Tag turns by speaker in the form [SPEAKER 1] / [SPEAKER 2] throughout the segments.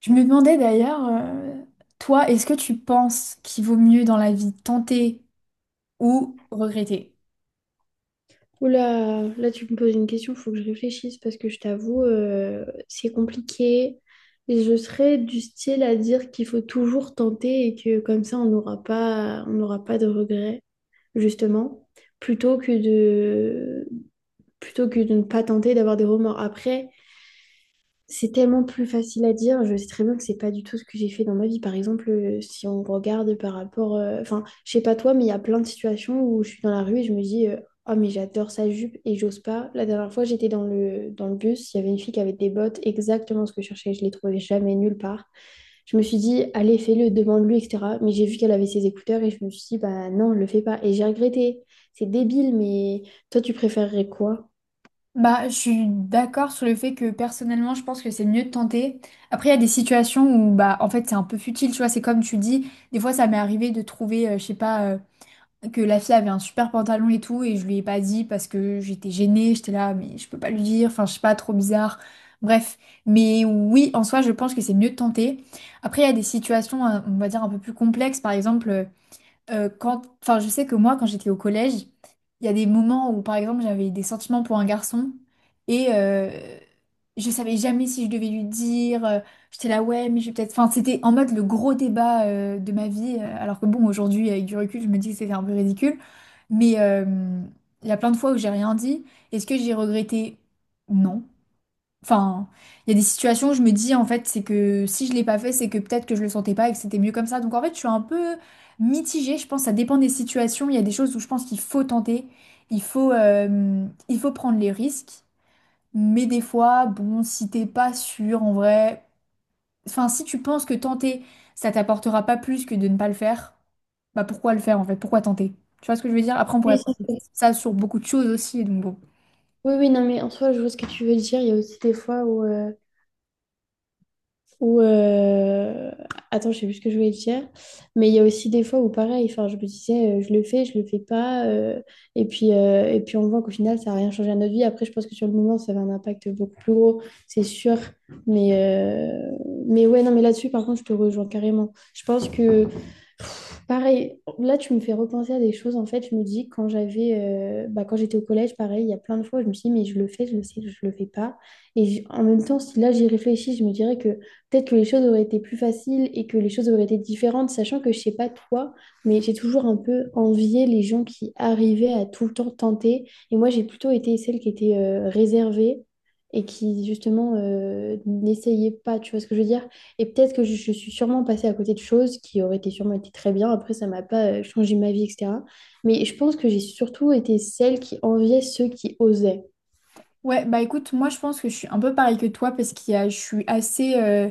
[SPEAKER 1] Je me demandais d'ailleurs, toi, est-ce que tu penses qu'il vaut mieux dans la vie tenter ou regretter?
[SPEAKER 2] Oula, là tu me poses une question, il faut que je réfléchisse parce que je t'avoue, c'est compliqué. Et je serais du style à dire qu'il faut toujours tenter et que comme ça on n'aura pas de regrets, justement, plutôt que de, plutôt que de ne pas tenter d'avoir des remords. Après, c'est tellement plus facile à dire. Je sais très bien que c'est pas du tout ce que j'ai fait dans ma vie. Par exemple, si on regarde par rapport, enfin, je sais pas toi, mais il y a plein de situations où je suis dans la rue et je me dis, oh mais j'adore sa jupe et j'ose pas. La dernière fois, j'étais dans le bus, il y avait une fille qui avait des bottes exactement ce que je cherchais. Je les trouvais jamais nulle part. Je me suis dit, allez, fais-le, demande-lui, etc. Mais j'ai vu qu'elle avait ses écouteurs et je me suis dit, bah non, le fais pas. Et j'ai regretté. C'est débile, mais toi, tu préférerais quoi?
[SPEAKER 1] Bah, je suis d'accord sur le fait que personnellement, je pense que c'est mieux de tenter. Après, il y a des situations où, bah, en fait, c'est un peu futile, tu vois. C'est comme tu dis, des fois, ça m'est arrivé de trouver, je sais pas, que la fille avait un super pantalon et tout, et je lui ai pas dit parce que j'étais gênée, j'étais là, mais je peux pas lui dire, enfin, je sais pas, trop bizarre. Bref, mais oui, en soi, je pense que c'est mieux de tenter. Après, il y a des situations, on va dire, un peu plus complexes, par exemple. Quand, enfin, je sais que moi, quand j'étais au collège, il y a des moments où, par exemple, j'avais des sentiments pour un garçon et je savais jamais si je devais lui dire. J'étais là, ouais, mais je vais peut-être. Enfin, c'était en mode le gros débat de ma vie. Euh, alors que bon, aujourd'hui, avec du recul, je me dis que c'était un peu ridicule. Mais il y a plein de fois où j'ai rien dit. Est-ce que j'ai regretté? Non. Enfin, il y a des situations où je me dis, en fait, c'est que si je l'ai pas fait, c'est que peut-être que je le sentais pas et que c'était mieux comme ça. Donc, en fait, je suis un peu mitigée. Je pense que ça dépend des situations. Il y a des choses où je pense qu'il faut tenter. Il faut prendre les risques. Mais des fois, bon, si t'es pas sûr, en vrai... Enfin, si tu penses que tenter, ça t'apportera pas plus que de ne pas le faire, bah pourquoi le faire, en fait? Pourquoi tenter? Tu vois ce que je veux dire? Après, on
[SPEAKER 2] Oui.
[SPEAKER 1] pourrait penser ça sur beaucoup de choses aussi. Donc, bon.
[SPEAKER 2] Oui, oui, non, mais en soi, je vois ce que tu veux dire. Il y a aussi des fois où attends, je sais plus ce que je voulais dire. Mais il y a aussi des fois où, pareil, enfin, je me disais, je le fais, je le fais pas. Et puis, et puis, on voit qu'au final, ça n'a rien changé à notre vie. Après, je pense que sur le moment, ça avait un impact beaucoup plus gros, c'est sûr. Mais mais ouais, non, mais là-dessus, par contre, je te rejoins carrément. Je pense que. Pareil, là tu me fais repenser à des choses. En fait, je me dis quand quand j'étais au collège, pareil, il y a plein de fois, où je me suis dit, mais je le fais, je le sais, je le fais pas. Et en même temps, si là j'y réfléchis, je me dirais que peut-être que les choses auraient été plus faciles et que les choses auraient été différentes, sachant que je sais pas toi, mais j'ai toujours un peu envié les gens qui arrivaient à tout le temps tenter. Et moi, j'ai plutôt été celle qui était réservée et qui justement n'essayait pas. Tu vois ce que je veux dire? Et peut-être que je suis sûrement passée à côté de choses qui auraient été sûrement été très bien. Après, ça m'a pas changé ma vie, etc. Mais je pense que j'ai surtout été celle qui enviait ceux qui osaient.
[SPEAKER 1] Ouais, bah écoute, moi je pense que je suis un peu pareil que toi parce qu'il y a je suis assez euh,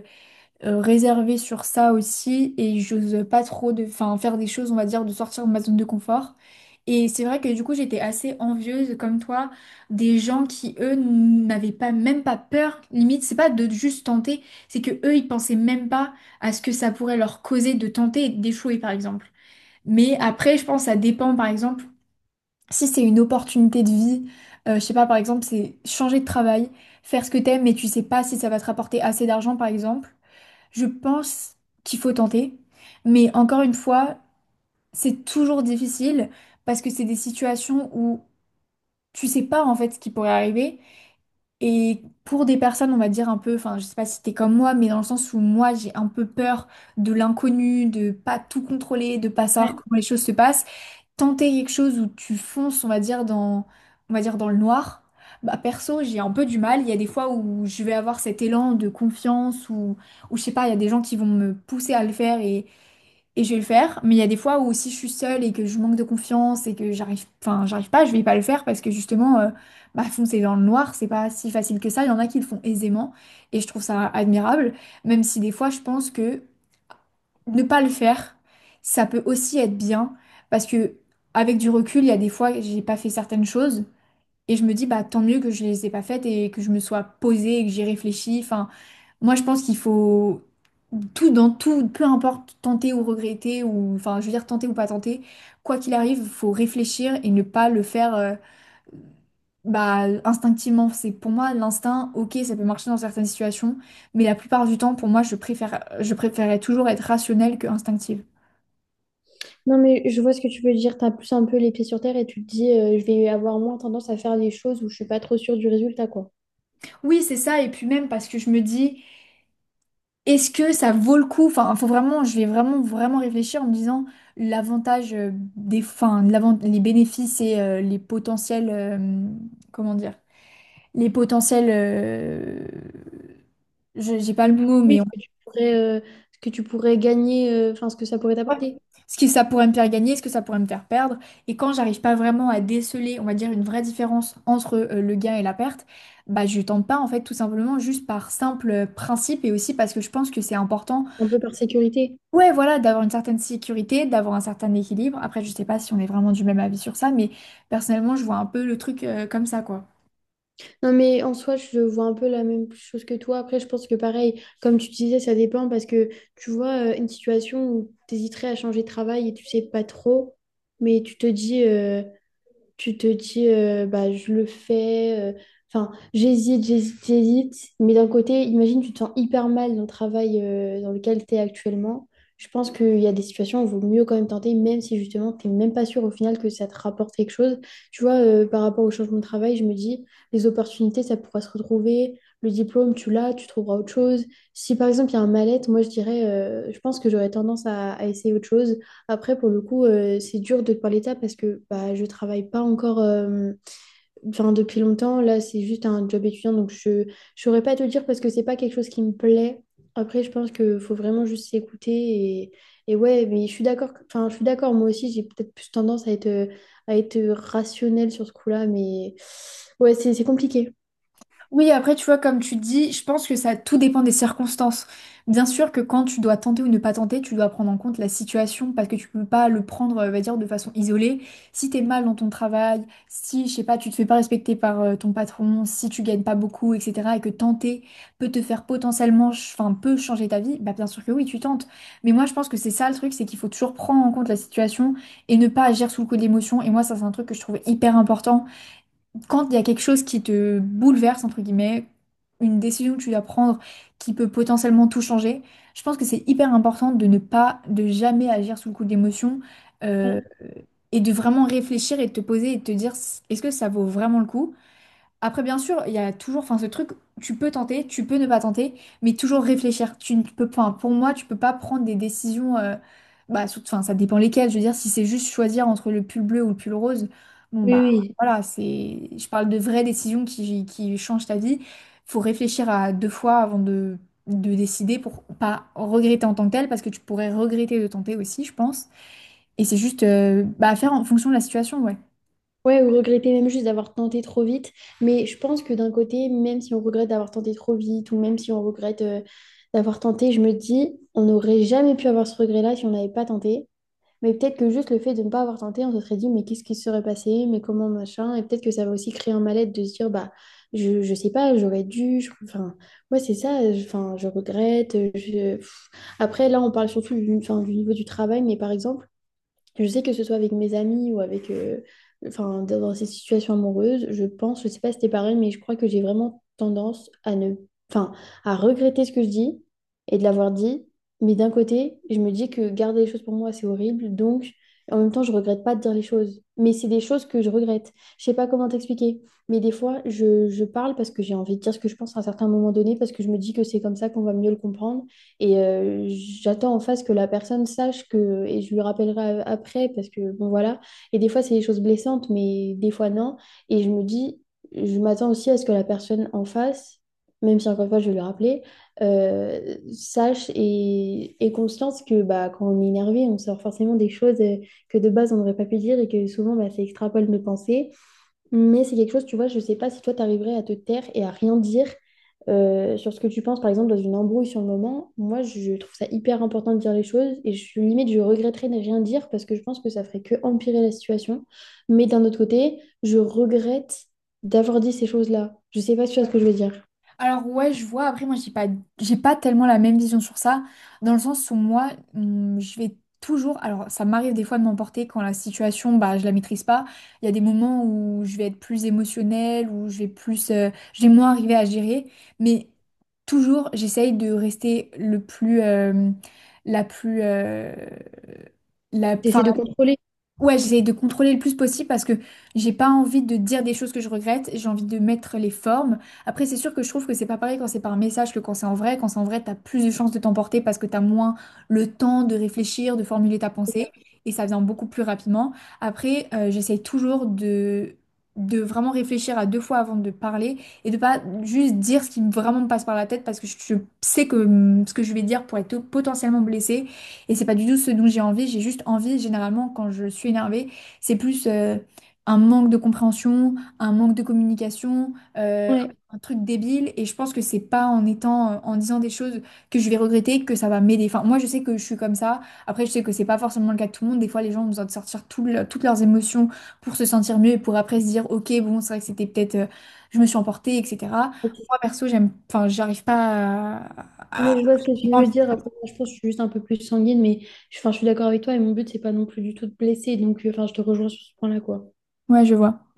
[SPEAKER 1] euh, réservée sur ça aussi et j'ose pas trop de, enfin, faire des choses, on va dire, de sortir de ma zone de confort. Et c'est vrai que du coup j'étais assez envieuse comme toi des gens qui eux n'avaient pas même pas peur, limite c'est pas de juste tenter, c'est que eux ils pensaient même pas à ce que ça pourrait leur causer de tenter et d'échouer par exemple. Mais après je pense que ça dépend par exemple. Si c'est une opportunité de vie, je sais pas, par exemple, c'est changer de travail, faire ce que t'aimes, mais tu sais pas si ça va te rapporter assez d'argent, par exemple, je pense qu'il faut tenter. Mais encore une fois, c'est toujours difficile parce que c'est des situations où tu sais pas en fait ce qui pourrait arriver. Et pour des personnes, on va dire un peu, enfin, je sais pas si t'es comme moi, mais dans le sens où moi, j'ai un peu peur de l'inconnu, de pas tout contrôler, de pas savoir
[SPEAKER 2] Ouais.
[SPEAKER 1] comment les choses se passent, tenter quelque chose où tu fonces, on va dire, dans, on va dire dans le noir, bah perso, j'ai un peu du mal. Il y a des fois où je vais avoir cet élan de confiance ou je sais pas, il y a des gens qui vont me pousser à le faire et je vais le faire. Mais il y a des fois où aussi je suis seule et que je manque de confiance et que j'arrive, enfin, j'arrive pas, je vais pas le faire parce que justement, bah, foncer dans le noir, c'est pas si facile que ça. Il y en a qui le font aisément et je trouve ça admirable, même si des fois je pense que ne pas le faire, ça peut aussi être bien parce que avec du recul, il y a des fois j'ai pas fait certaines choses et je me dis bah tant mieux que je les ai pas faites et que je me sois posée et que j'ai réfléchi. Enfin, moi je pense qu'il faut tout dans tout, peu importe tenter ou regretter ou enfin je veux dire tenter ou pas tenter, quoi qu'il arrive, faut réfléchir et ne pas le faire bah, instinctivement, c'est pour moi l'instinct, ok, ça peut marcher dans certaines situations, mais la plupart du temps, pour moi, je préférais toujours être rationnelle que instinctive.
[SPEAKER 2] Non, mais je vois ce que tu veux dire. Tu as plus un peu les pieds sur terre et tu te dis, je vais avoir moins tendance à faire des choses où je suis pas trop sûre du résultat, quoi.
[SPEAKER 1] Oui, c'est ça. Et puis même parce que je me dis, est-ce que ça vaut le coup? Enfin, faut vraiment, vraiment réfléchir en me disant l'avantage des, enfin, les bénéfices et les potentiels, comment dire, les potentiels, je, j'ai pas le mot,
[SPEAKER 2] Oui,
[SPEAKER 1] mais on...
[SPEAKER 2] ce que ce que tu pourrais gagner, enfin, ce que ça pourrait t'apporter,
[SPEAKER 1] ce que ça pourrait me faire gagner, ce que ça pourrait me faire perdre. Et quand j'arrive pas vraiment à déceler, on va dire, une vraie différence entre le gain et la perte, bah je tente pas en fait tout simplement juste par simple principe et aussi parce que je pense que c'est important.
[SPEAKER 2] un peu par sécurité.
[SPEAKER 1] Ouais, voilà, d'avoir une certaine sécurité, d'avoir un certain équilibre. Après, je sais pas si on est vraiment du même avis sur ça, mais personnellement, je vois un peu le truc comme ça, quoi.
[SPEAKER 2] Non, mais en soi, je vois un peu la même chose que toi. Après, je pense que pareil, comme tu disais, ça dépend parce que tu vois, une situation où tu hésiterais à changer de travail et tu sais pas trop, mais tu te dis, bah, je le fais. Enfin, j'hésite. Mais d'un côté, imagine, tu te sens hyper mal dans le travail dans lequel tu es actuellement. Je pense qu'il y a des situations où il vaut mieux quand même tenter, même si justement, tu n'es même pas sûr au final que ça te rapporte quelque chose. Tu vois, par rapport au changement de travail, je me dis, les opportunités, ça pourra se retrouver. Le diplôme, tu l'as, tu trouveras autre chose. Si par exemple, il y a un mal-être, moi, je dirais, je pense que j'aurais tendance à essayer autre chose après, pour le coup, c'est dur de parler de ça parce que bah, je travaille pas encore enfin, depuis longtemps. Là, c'est juste un job étudiant, donc je ne saurais pas te le dire parce que c'est pas quelque chose qui me plaît. Après, je pense qu'il faut vraiment juste s'écouter. Et, et ouais, mais je suis d'accord. que- Enfin, je suis d'accord. Moi aussi, j'ai peut-être plus tendance à être rationnelle sur ce coup-là, mais ouais, c'est compliqué.
[SPEAKER 1] Oui, après, tu vois, comme tu dis, je pense que ça tout dépend des circonstances. Bien sûr que quand tu dois tenter ou ne pas tenter, tu dois prendre en compte la situation parce que tu peux pas le prendre, on va dire, de façon isolée. Si t'es mal dans ton travail, si, je sais pas, tu te fais pas respecter par ton patron, si tu gagnes pas beaucoup, etc., et que tenter peut te faire potentiellement, enfin, peut changer ta vie, bah bien sûr que oui, tu tentes. Mais moi, je pense que c'est ça le truc, c'est qu'il faut toujours prendre en compte la situation et ne pas agir sous le coup de l'émotion. Et moi, ça, c'est un truc que je trouve hyper important quand il y a quelque chose qui te bouleverse, entre guillemets, une décision que tu dois prendre qui peut potentiellement tout changer, je pense que c'est hyper important de ne pas, de jamais agir sous le coup de l'émotion euh, et de vraiment réfléchir et de te poser et de te dire est-ce que ça vaut vraiment le coup? Après, bien sûr, il y a toujours, enfin, ce truc, tu peux tenter, tu peux ne pas tenter, mais toujours réfléchir. Tu ne peux, pas pour moi, tu peux pas prendre des décisions, bah, surtout, enfin, ça dépend lesquelles. Je veux dire, si c'est juste choisir entre le pull bleu ou le pull rose, bon,
[SPEAKER 2] Oui,
[SPEAKER 1] bah,
[SPEAKER 2] oui.
[SPEAKER 1] voilà, c'est, je parle de vraies décisions qui changent ta vie. Faut réfléchir à deux fois avant de décider pour pas regretter en tant que tel, parce que tu pourrais regretter de tenter aussi, je pense. Et c'est juste, bah, à faire en fonction de la situation, ouais.
[SPEAKER 2] Ouais, ou regretter même juste d'avoir tenté trop vite. Mais je pense que d'un côté, même si on regrette d'avoir tenté trop vite, ou même si on regrette d'avoir tenté, je me dis, on n'aurait jamais pu avoir ce regret-là si on n'avait pas tenté. Mais peut-être que juste le fait de ne pas avoir tenté, on se serait dit, mais qu'est-ce qui se serait passé? Mais comment machin? Et peut-être que ça va aussi créer un mal-être de se dire, bah, je sais pas, j'aurais dû. Enfin, ouais, c'est ça. Enfin, je regrette. Pff. Après, là, on parle surtout du, enfin, du niveau du travail, mais par exemple, je sais que ce soit avec mes amis ou avec, enfin, dans ces situations amoureuses, je pense, je sais pas si c'était pareil, mais je crois que j'ai vraiment tendance à ne, enfin, à regretter ce que je dis et de l'avoir dit. Mais d'un côté, je me dis que garder les choses pour moi, c'est horrible. Donc, en même temps, je regrette pas de dire les choses. Mais c'est des choses que je regrette. Je sais pas comment t'expliquer. Mais des fois, je parle parce que j'ai envie de dire ce que je pense à un certain moment donné, parce que je me dis que c'est comme ça qu'on va mieux le comprendre. Et j'attends en face que la personne sache que, et je lui rappellerai après, parce que, bon, voilà. Et des fois, c'est des choses blessantes, mais des fois, non. Et je me dis, je m'attends aussi à ce que la personne en face, même si encore une fois, je vais lui rappeler, sache et ait conscience que bah, quand on est énervé, on sort forcément des choses que de base, on n'aurait pas pu dire et que souvent, bah, ça extrapole nos pensées. Mais c'est quelque chose, tu vois, je sais pas si toi, tu arriverais à te taire et à rien dire sur ce que tu penses, par exemple, dans une embrouille sur le moment. Moi, je trouve ça hyper important de dire les choses et limite, je regretterais de rien dire parce que je pense que ça ferait que empirer la situation. Mais d'un autre côté, je regrette d'avoir dit ces choses-là. Je sais pas si tu vois ce que je veux dire.
[SPEAKER 1] Alors ouais, je vois. Après, moi, j'ai pas tellement la même vision sur ça, dans le sens où moi, je vais toujours. Alors, ça m'arrive des fois de m'emporter quand la situation, bah, je la maîtrise pas. Il y a des moments où je vais être plus émotionnelle, où je vais plus, je vais moins arriver à gérer. Mais toujours, j'essaye de rester le plus, la plus, la, 'fin,
[SPEAKER 2] T'essaies de contrôler,
[SPEAKER 1] ouais, j'essaye de contrôler le plus possible parce que j'ai pas envie de dire des choses que je regrette, j'ai envie de mettre les formes. Après, c'est sûr que je trouve que c'est pas pareil quand c'est par message que quand c'est en vrai. Quand c'est en vrai, t'as plus de chances de t'emporter parce que t'as moins le temps de réfléchir, de formuler ta
[SPEAKER 2] c'est
[SPEAKER 1] pensée
[SPEAKER 2] ça?
[SPEAKER 1] et ça vient beaucoup plus rapidement. Après, j'essaye toujours de vraiment réfléchir à deux fois avant de parler et de pas juste dire ce qui vraiment me passe par la tête parce que je sais que ce que je vais dire pourrait être potentiellement blessé et c'est pas du tout ce dont j'ai envie, j'ai juste envie, généralement, quand je suis énervée, c'est plus un manque de compréhension, un manque de communication, euh,
[SPEAKER 2] Ouais.
[SPEAKER 1] un truc débile. Et je pense que c'est pas en étant, en disant des choses que je vais regretter que ça va m'aider. Enfin, moi, je sais que je suis comme ça. Après, je sais que c'est pas forcément le cas de tout le monde. Des fois, les gens ont besoin de sortir toutes leurs émotions pour se sentir mieux et pour après se dire, ok, bon, c'est vrai que c'était peut-être, je me suis emportée, etc. Moi, perso, enfin, j'arrive pas à... à-
[SPEAKER 2] Mais je vois ce que
[SPEAKER 1] j'ai
[SPEAKER 2] tu
[SPEAKER 1] pas
[SPEAKER 2] veux
[SPEAKER 1] envie-
[SPEAKER 2] dire. Après, moi, je pense que je suis juste un peu plus sanguine, mais enfin, je suis d'accord avec toi et mon but, c'est pas non plus du tout de blesser. Donc, enfin, je te rejoins sur ce point-là, quoi.
[SPEAKER 1] Ouais, je vois.